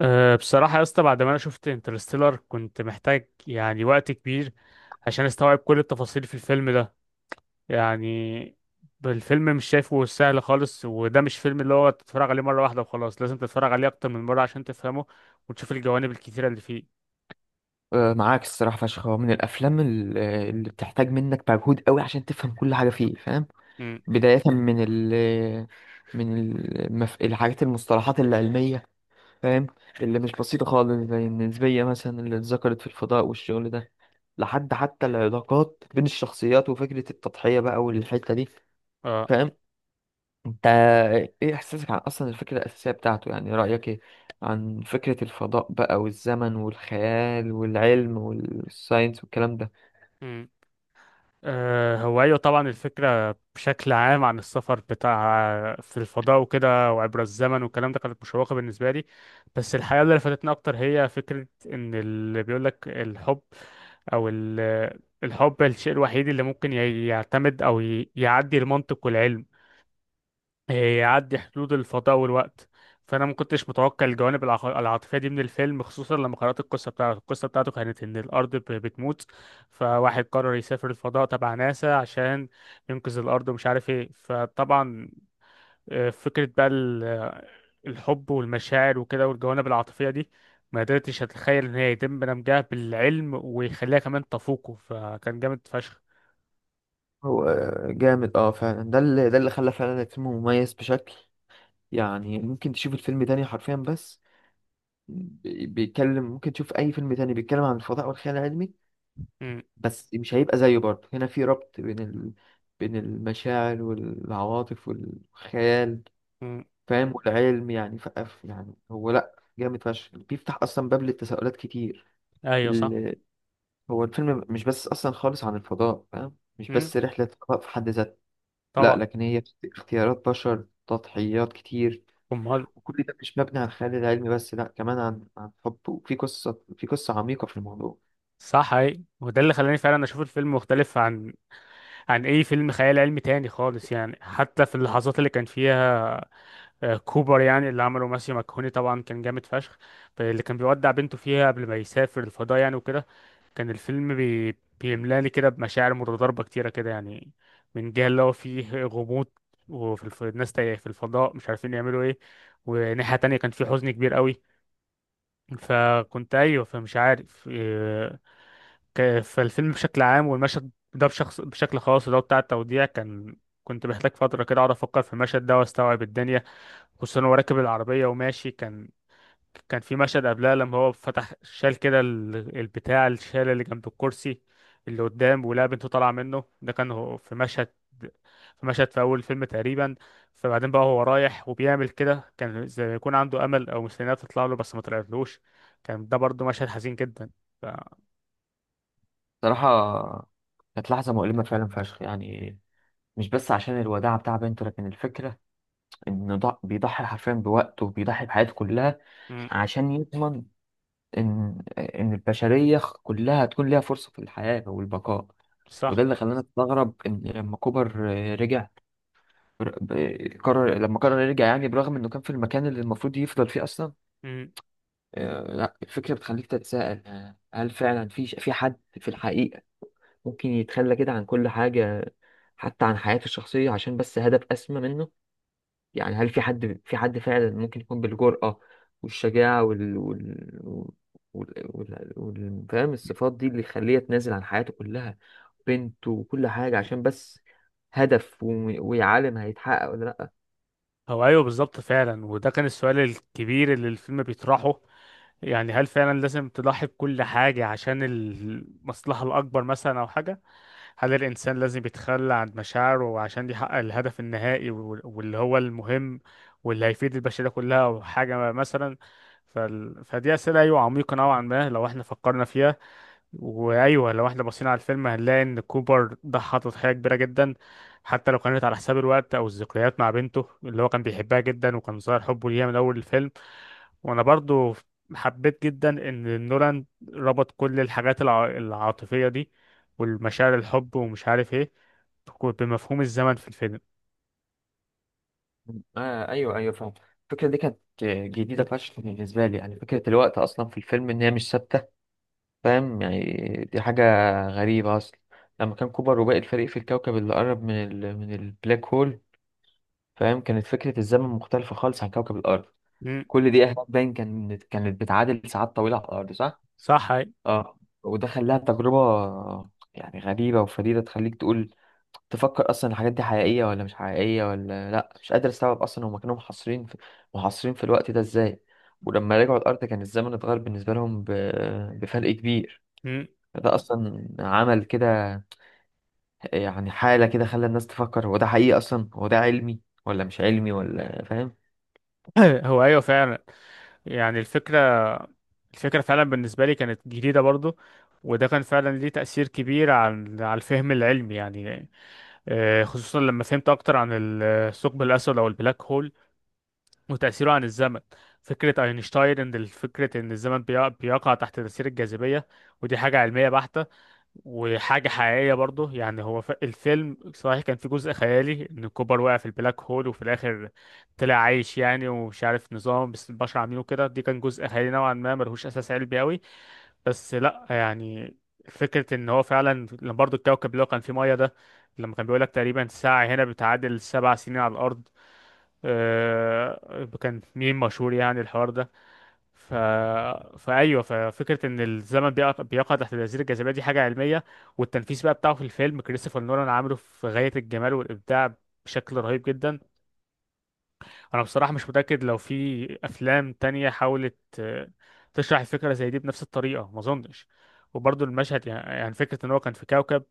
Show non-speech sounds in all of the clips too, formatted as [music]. بصراحة يا اسطى، بعد ما أنا شفت انترستيلر كنت محتاج يعني وقت كبير عشان أستوعب كل التفاصيل في الفيلم ده. يعني الفيلم مش شايفه سهل خالص، وده مش فيلم اللي هو تتفرج عليه مرة واحدة وخلاص، لازم تتفرج عليه أكتر من مرة عشان تفهمه وتشوف الجوانب الكتيرة اللي فيه. آه، معاك الصراحة فشخ هو من الأفلام اللي بتحتاج منك مجهود قوي عشان تفهم كل حاجة فيه فاهم. امم بداية من الحاجات المصطلحات العلمية فاهم، اللي مش بسيطة خالص زي النسبية مثلا اللي اتذكرت في الفضاء والشغل ده، لحد حتى العلاقات بين الشخصيات وفكرة التضحية بقى والحتة دي اه. فاهم. انت ايه احساسك عن اصلا الفكرة الأساسية بتاعته؟ يعني رأيك ايه عن فكرة الفضاء بقى والزمن والخيال والعلم والساينس والكلام ده؟ هو أيوة طبعا الفكرة بشكل عام عن السفر بتاع في الفضاء وكده وعبر الزمن والكلام ده كانت مشوقة بالنسبة لي، بس الحقيقة اللي لفتتني أكتر هي فكرة إن اللي بيقولك الحب أو الحب الشيء الوحيد اللي ممكن يعتمد أو يعدي المنطق والعلم، يعدي حدود الفضاء والوقت. فانا ما كنتش متوقع الجوانب العاطفيه دي من الفيلم، خصوصا لما قرات القصه بتاعته. القصه بتاعته كانت ان الارض بتموت، فواحد قرر يسافر الفضاء تبع ناسا عشان ينقذ الارض ومش عارف ايه. فطبعا فكره بقى الحب والمشاعر وكده والجوانب العاطفيه دي، ما قدرتش اتخيل ان هي يتم دمجها بالعلم ويخليها كمان تفوقه، فكان جامد فشخ. هو جامد اه فعلا، ده اللي خلى فعلا الفيلم مميز بشكل يعني. ممكن تشوف الفيلم تاني حرفيا، بس بي- بيتكلم ممكن تشوف اي فيلم تاني بيتكلم عن الفضاء والخيال العلمي، م- بس مش هيبقى زيه. برضه هنا في ربط بين بين المشاعر والعواطف والخيال م. فاهم والعلم، يعني يعني هو لا جامد فشخ، بيفتح اصلا باب للتساؤلات كتير. ايوه صح. ال... هو الفيلم مش بس اصلا خالص عن الفضاء فاهم، مش م. بس رحلة فضاء في حد ذاتها، لا، طبعا. لكن هي اختيارات بشر، تضحيات كتير، امال. وكل ده مش مبني على الخيال العلمي بس، لا كمان عن حب، وفي قصة، في قصة عميقة في الموضوع. صح اي. وده اللي خلاني فعلا اشوف الفيلم مختلف عن اي فيلم خيال علمي تاني خالص يعني، حتى في اللحظات اللي كان فيها كوبر يعني اللي عمله ماسيو ماكهوني طبعا كان جامد فشخ، اللي كان بيودع بنته فيها قبل ما يسافر الفضاء يعني وكده. كان الفيلم بيملاني كده بمشاعر متضاربة كتيرة كده يعني، من جهة اللي هو فيه غموض وفي الناس تايه في الفضاء مش عارفين يعملوا ايه، وناحية تانية كان فيه حزن كبير قوي. فكنت ايوه، فمش عارف إيه، فالفيلم بشكل عام والمشهد ده بشخص بشكل خاص ده بتاع التوديع كان، كنت محتاج فترة كده اقعد افكر في المشهد ده واستوعب الدنيا. خصوصا هو راكب العربية وماشي، كان في مشهد قبلها لما هو فتح شال كده البتاع الشال اللي جنب الكرسي اللي قدام ولقى بنته طالعة منه. ده كان هو في مشهد، في أول فيلم تقريبا. فبعدين بقى هو رايح وبيعمل كده كان زي ما يكون عنده أمل أو مستنيها تطلع له بس ما طلعتلوش. كان ده برضه مشهد حزين جدا. ف... صراحة كانت لحظة مؤلمة فعلا فشخ يعني، مش بس عشان الوداع بتاع بنته، لكن الفكرة إنه بيضحي حرفيا بوقته وبيضحي بحياته كلها مم. عشان يضمن إن البشرية كلها تكون ليها فرصة في الحياة والبقاء. وده صح. اللي خلاني أستغرب إن لما كوبر رجع، ب- قرر لما قرر يرجع يعني، برغم انه كان في المكان اللي المفروض يفضل فيه اصلا. مم. لا الفكره بتخليك تتساءل، هل فعلا في حد في الحقيقه ممكن يتخلى كده عن كل حاجه، حتى عن حياته الشخصيه، عشان بس هدف اسمى منه؟ يعني هل في حد، فعلا ممكن يكون بالجرأه والشجاعه فاهم الصفات دي اللي يخليه يتنازل عن حياته كلها، بنته وكل حاجه، عشان بس هدف ويعلم هيتحقق ولا؟ هو أيوه بالظبط فعلا، وده كان السؤال الكبير اللي الفيلم بيطرحه. يعني هل فعلا لازم تضحي بكل حاجة عشان المصلحة الأكبر مثلا أو حاجة؟ هل الإنسان لازم يتخلى عن مشاعره عشان يحقق الهدف النهائي واللي هو المهم، واللي هيفيد البشرية كلها أو حاجة مثلا؟ فدي أسئلة أيوة عميقة نوعا ما لو احنا فكرنا فيها. وأيوة لو احنا بصينا على الفيلم هنلاقي إن كوبر ضحى تضحية كبيرة جدا، حتى لو كانت على حساب الوقت أو الذكريات مع بنته اللي هو كان بيحبها جدا وكان ظاهر حبه ليها من أول الفيلم. وانا برضو حبيت جدا ان نولان ربط كل الحاجات العاطفية دي والمشاعر الحب ومش عارف ايه بمفهوم الزمن في الفيلم. آه أيوه أيوه فاهم. الفكرة دي كانت جديدة فشخ بالنسبة لي، يعني فكرة الوقت أصلا في الفيلم إن هي مش ثابتة فاهم يعني. دي حاجة غريبة أصلا. لما كان كوبر وباقي الفريق في الكوكب اللي قرب من من البلاك هول فاهم، كانت فكرة الزمن مختلفة خالص عن كوكب الأرض. مم. كل دقيقة هناك باين كانت بتعادل ساعات طويلة على الأرض، صح؟ صح أي. اه، وده خلاها تجربة يعني غريبة وفريدة، تخليك تقول تفكر اصلا الحاجات دي حقيقية ولا مش حقيقية، ولا لا مش قادر استوعب اصلا. هما كانوا محاصرين في الوقت ده ازاي؟ ولما رجعوا الارض كان الزمن اتغير بالنسبة لهم بفرق كبير. مم. فده اصلا عمل كده يعني حالة، كده خلى الناس تفكر هو ده حقيقي اصلا، هو ده علمي ولا مش علمي ولا فاهم. [clears throat] هو ايوه فعلا. يعني الفكرة، فعلا بالنسبة لي كانت جديدة برضو، وده كان فعلا ليه تأثير كبير عن على الفهم العلمي يعني. خصوصا لما فهمت أكتر عن الثقب الأسود أو البلاك هول وتأثيره عن الزمن. فكرة أينشتاين إن فكرة إن الزمن بيقع تحت تأثير الجاذبية، ودي حاجة علمية بحتة وحاجة حقيقية برضه. يعني هو الفيلم صحيح كان في جزء خيالي إن كوبر وقع في البلاك هول وفي الآخر طلع عايش يعني، ومش عارف نظام بس البشر عاملينه كده، دي كان جزء خيالي نوعا ما ملهوش أساس علمي أوي. بس لأ يعني، فكرة إن هو فعلا لما برضه الكوكب اللي هو كان فيه مية ده، لما كان بيقولك تقريبا ساعة هنا بتعادل 7 سنين على الأرض، كان ميم مشهور يعني الحوار ده. ف... فأيوه ففكرة إن الزمن بيقع تحت الأزير الجاذبية، دي حاجة علمية. والتنفيذ بقى بتاعه في الفيلم كريستوفر نولان عامله في غاية الجمال والإبداع بشكل رهيب جدا. انا بصراحة مش متأكد لو في افلام تانية حاولت تشرح الفكرة زي دي بنفس الطريقة، ما اظنش. وبرضه المشهد يعني، فكرة ان هو كان في كوكب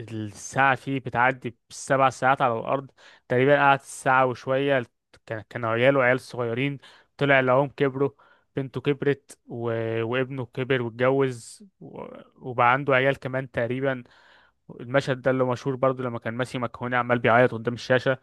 الساعة فيه بتعدي ب7 ساعات على الارض، تقريبا قعد ساعة وشوية، كان عياله عيال صغيرين، طلع لهم كبروا، بنته كبرت و... وابنه كبر واتجوز و... وبقى عنده عيال كمان تقريبا. المشهد ده اللي مشهور برضو لما كان ماسي مكهوني عمال بيعيط قدام الشاشة.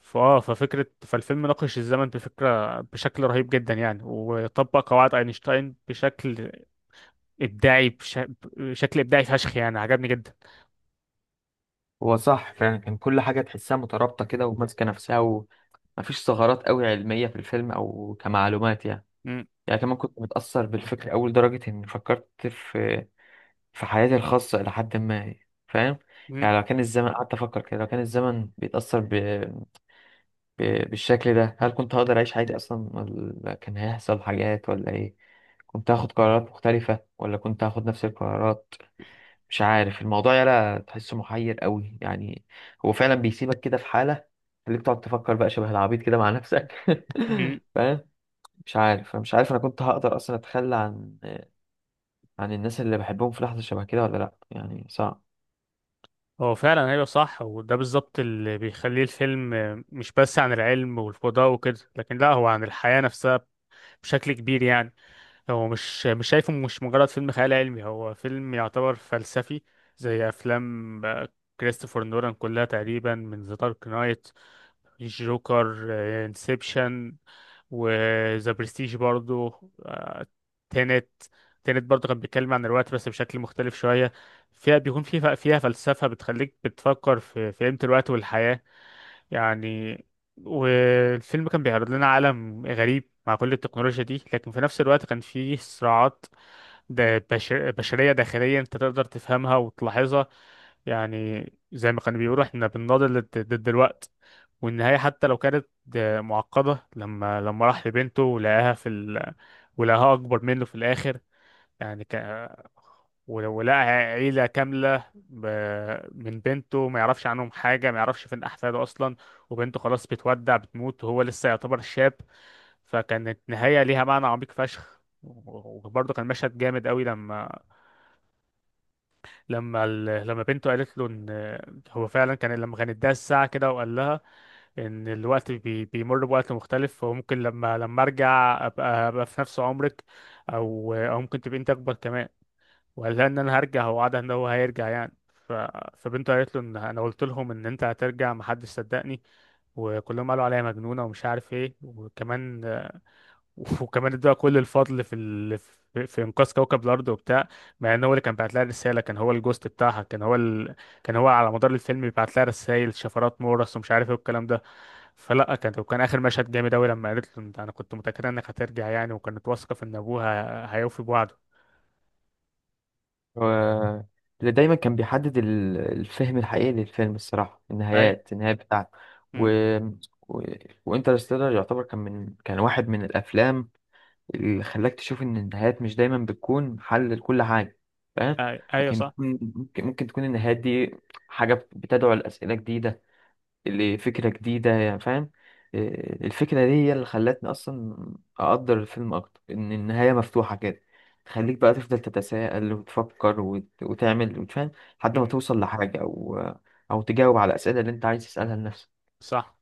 ففكرة فالفيلم ناقش الزمن بفكرة بشكل رهيب جدا يعني، وطبق قواعد أينشتاين بشكل إبداعي بشكل إبداعي فشخ، يعني عجبني جدا. هو صح فعلا، كان كل حاجة تحسها مترابطة كده وماسكة نفسها، ومفيش ثغرات قوي علمية في الفيلم او كمعلومات يعني. مم. يعني كمان كنت متأثر بالفكر أول درجة إني فكرت في في حياتي الخاصة إلى حد ما فاهم. مم. يعني لو كان الزمن، قعدت أفكر كده، لو كان الزمن بيتأثر ب... بالشكل ده، هل كنت هقدر أعيش حياتي أصلا؟ ولا كان هيحصل حاجات، ولا إيه؟ كنت هاخد قرارات مختلفة، ولا كنت هاخد نفس القرارات؟ مش عارف، الموضوع يلا تحسه محير قوي يعني. هو فعلا بيسيبك كده في حالة، خليك تقعد تفكر بقى شبه العبيط كده مع نفسك. [laughs] مم. فاهم. مش عارف انا كنت هقدر اصلا اتخلى عن الناس اللي بحبهم في لحظة شبه كده ولا لأ؟ يعني صعب. هو فعلا أيوه صح، وده بالظبط اللي بيخليه الفيلم، مش بس عن العلم والفضاء وكده لكن لا هو عن الحياة نفسها بشكل كبير يعني. هو مش شايفه مش مجرد فيلم خيال علمي، هو فيلم يعتبر فلسفي زي افلام كريستوفر نولان كلها تقريبا، من ذا دارك نايت، جوكر، انسبشن، وذا برستيج برضو. آه، تينت، تينت برضو كان بيتكلم عن الوقت بس بشكل مختلف شوية، فيها بيكون فيها فلسفة بتخليك بتفكر في قيمة الوقت والحياة يعني. والفيلم كان بيعرض لنا عالم غريب مع كل التكنولوجيا دي، لكن في نفس الوقت كان فيه صراعات دا بشر بشرية داخلية انت تقدر تفهمها وتلاحظها يعني. زي ما كانوا بيقولوا احنا بنناضل ضد الوقت. والنهاية حتى لو كانت معقدة، لما راح لبنته ولقاها في ال... ولقاها أكبر منه في الآخر يعني، ك... ولو لقى عيلة كاملة ب... من بنته ما يعرفش عنهم حاجة، ما يعرفش فين أحفاده أصلا، وبنته خلاص بتودع بتموت وهو لسه يعتبر شاب. فكانت نهاية ليها معنى عميق فشخ، وبرضه كان مشهد جامد قوي لما لما بنته قالت له ان هو فعلا كان، لما كان اداها الساعة كده وقال لها ان الوقت بيمر بوقت مختلف وممكن لما ارجع أبقى في نفس عمرك او ممكن تبقى انت اكبر كمان. وقال لها ان انا هرجع، هو وعدها ان هو هيرجع يعني. ف... فبنته قالت له ان انا قلت لهم ان انت هترجع محدش صدقني، وكلهم قالوا عليا مجنونه ومش عارف ايه. وكمان [laughs] وكمان ادوها كل الفضل في ال... في انقاذ كوكب الارض وبتاع، مع ان هو اللي كان بعت لها الرساله كان هو الجوست بتاعها. كان هو ال... كان هو على مدار الفيلم بيبعت لها رسائل شفرات مورس ومش عارف ايه والكلام ده. فلا كان اخر مشهد جامد قوي لما قالت له انا كنت متاكده انك هترجع يعني، وكانت واثقه في ان ابوها هيوفي بوعده. و... اللي دايما كان بيحدد الفهم الحقيقي للفيلم الصراحة اي. النهاية بتاعته. م. و... و... وانترستيلر يعتبر، كان من، كان واحد من الأفلام اللي خلاك تشوف إن النهايات مش دايما بتكون حل لكل حاجة فاهم. اي ايوه لكن صح. ممكن تكون النهايات دي حاجة بتدعو لأسئلة جديدة، لفكرة جديدة، يعني فاهم. إيه، الفكرة دي هي اللي خلتني أصلا أقدر الفيلم أكتر، إن النهاية مفتوحة كده تخليك بقى تفضل تتساءل وتفكر وتعمل وتفهم لحد ما توصل لحاجة، أو أو تجاوب على الأسئلة اللي أنت عايز تسألها لنفسك. صح.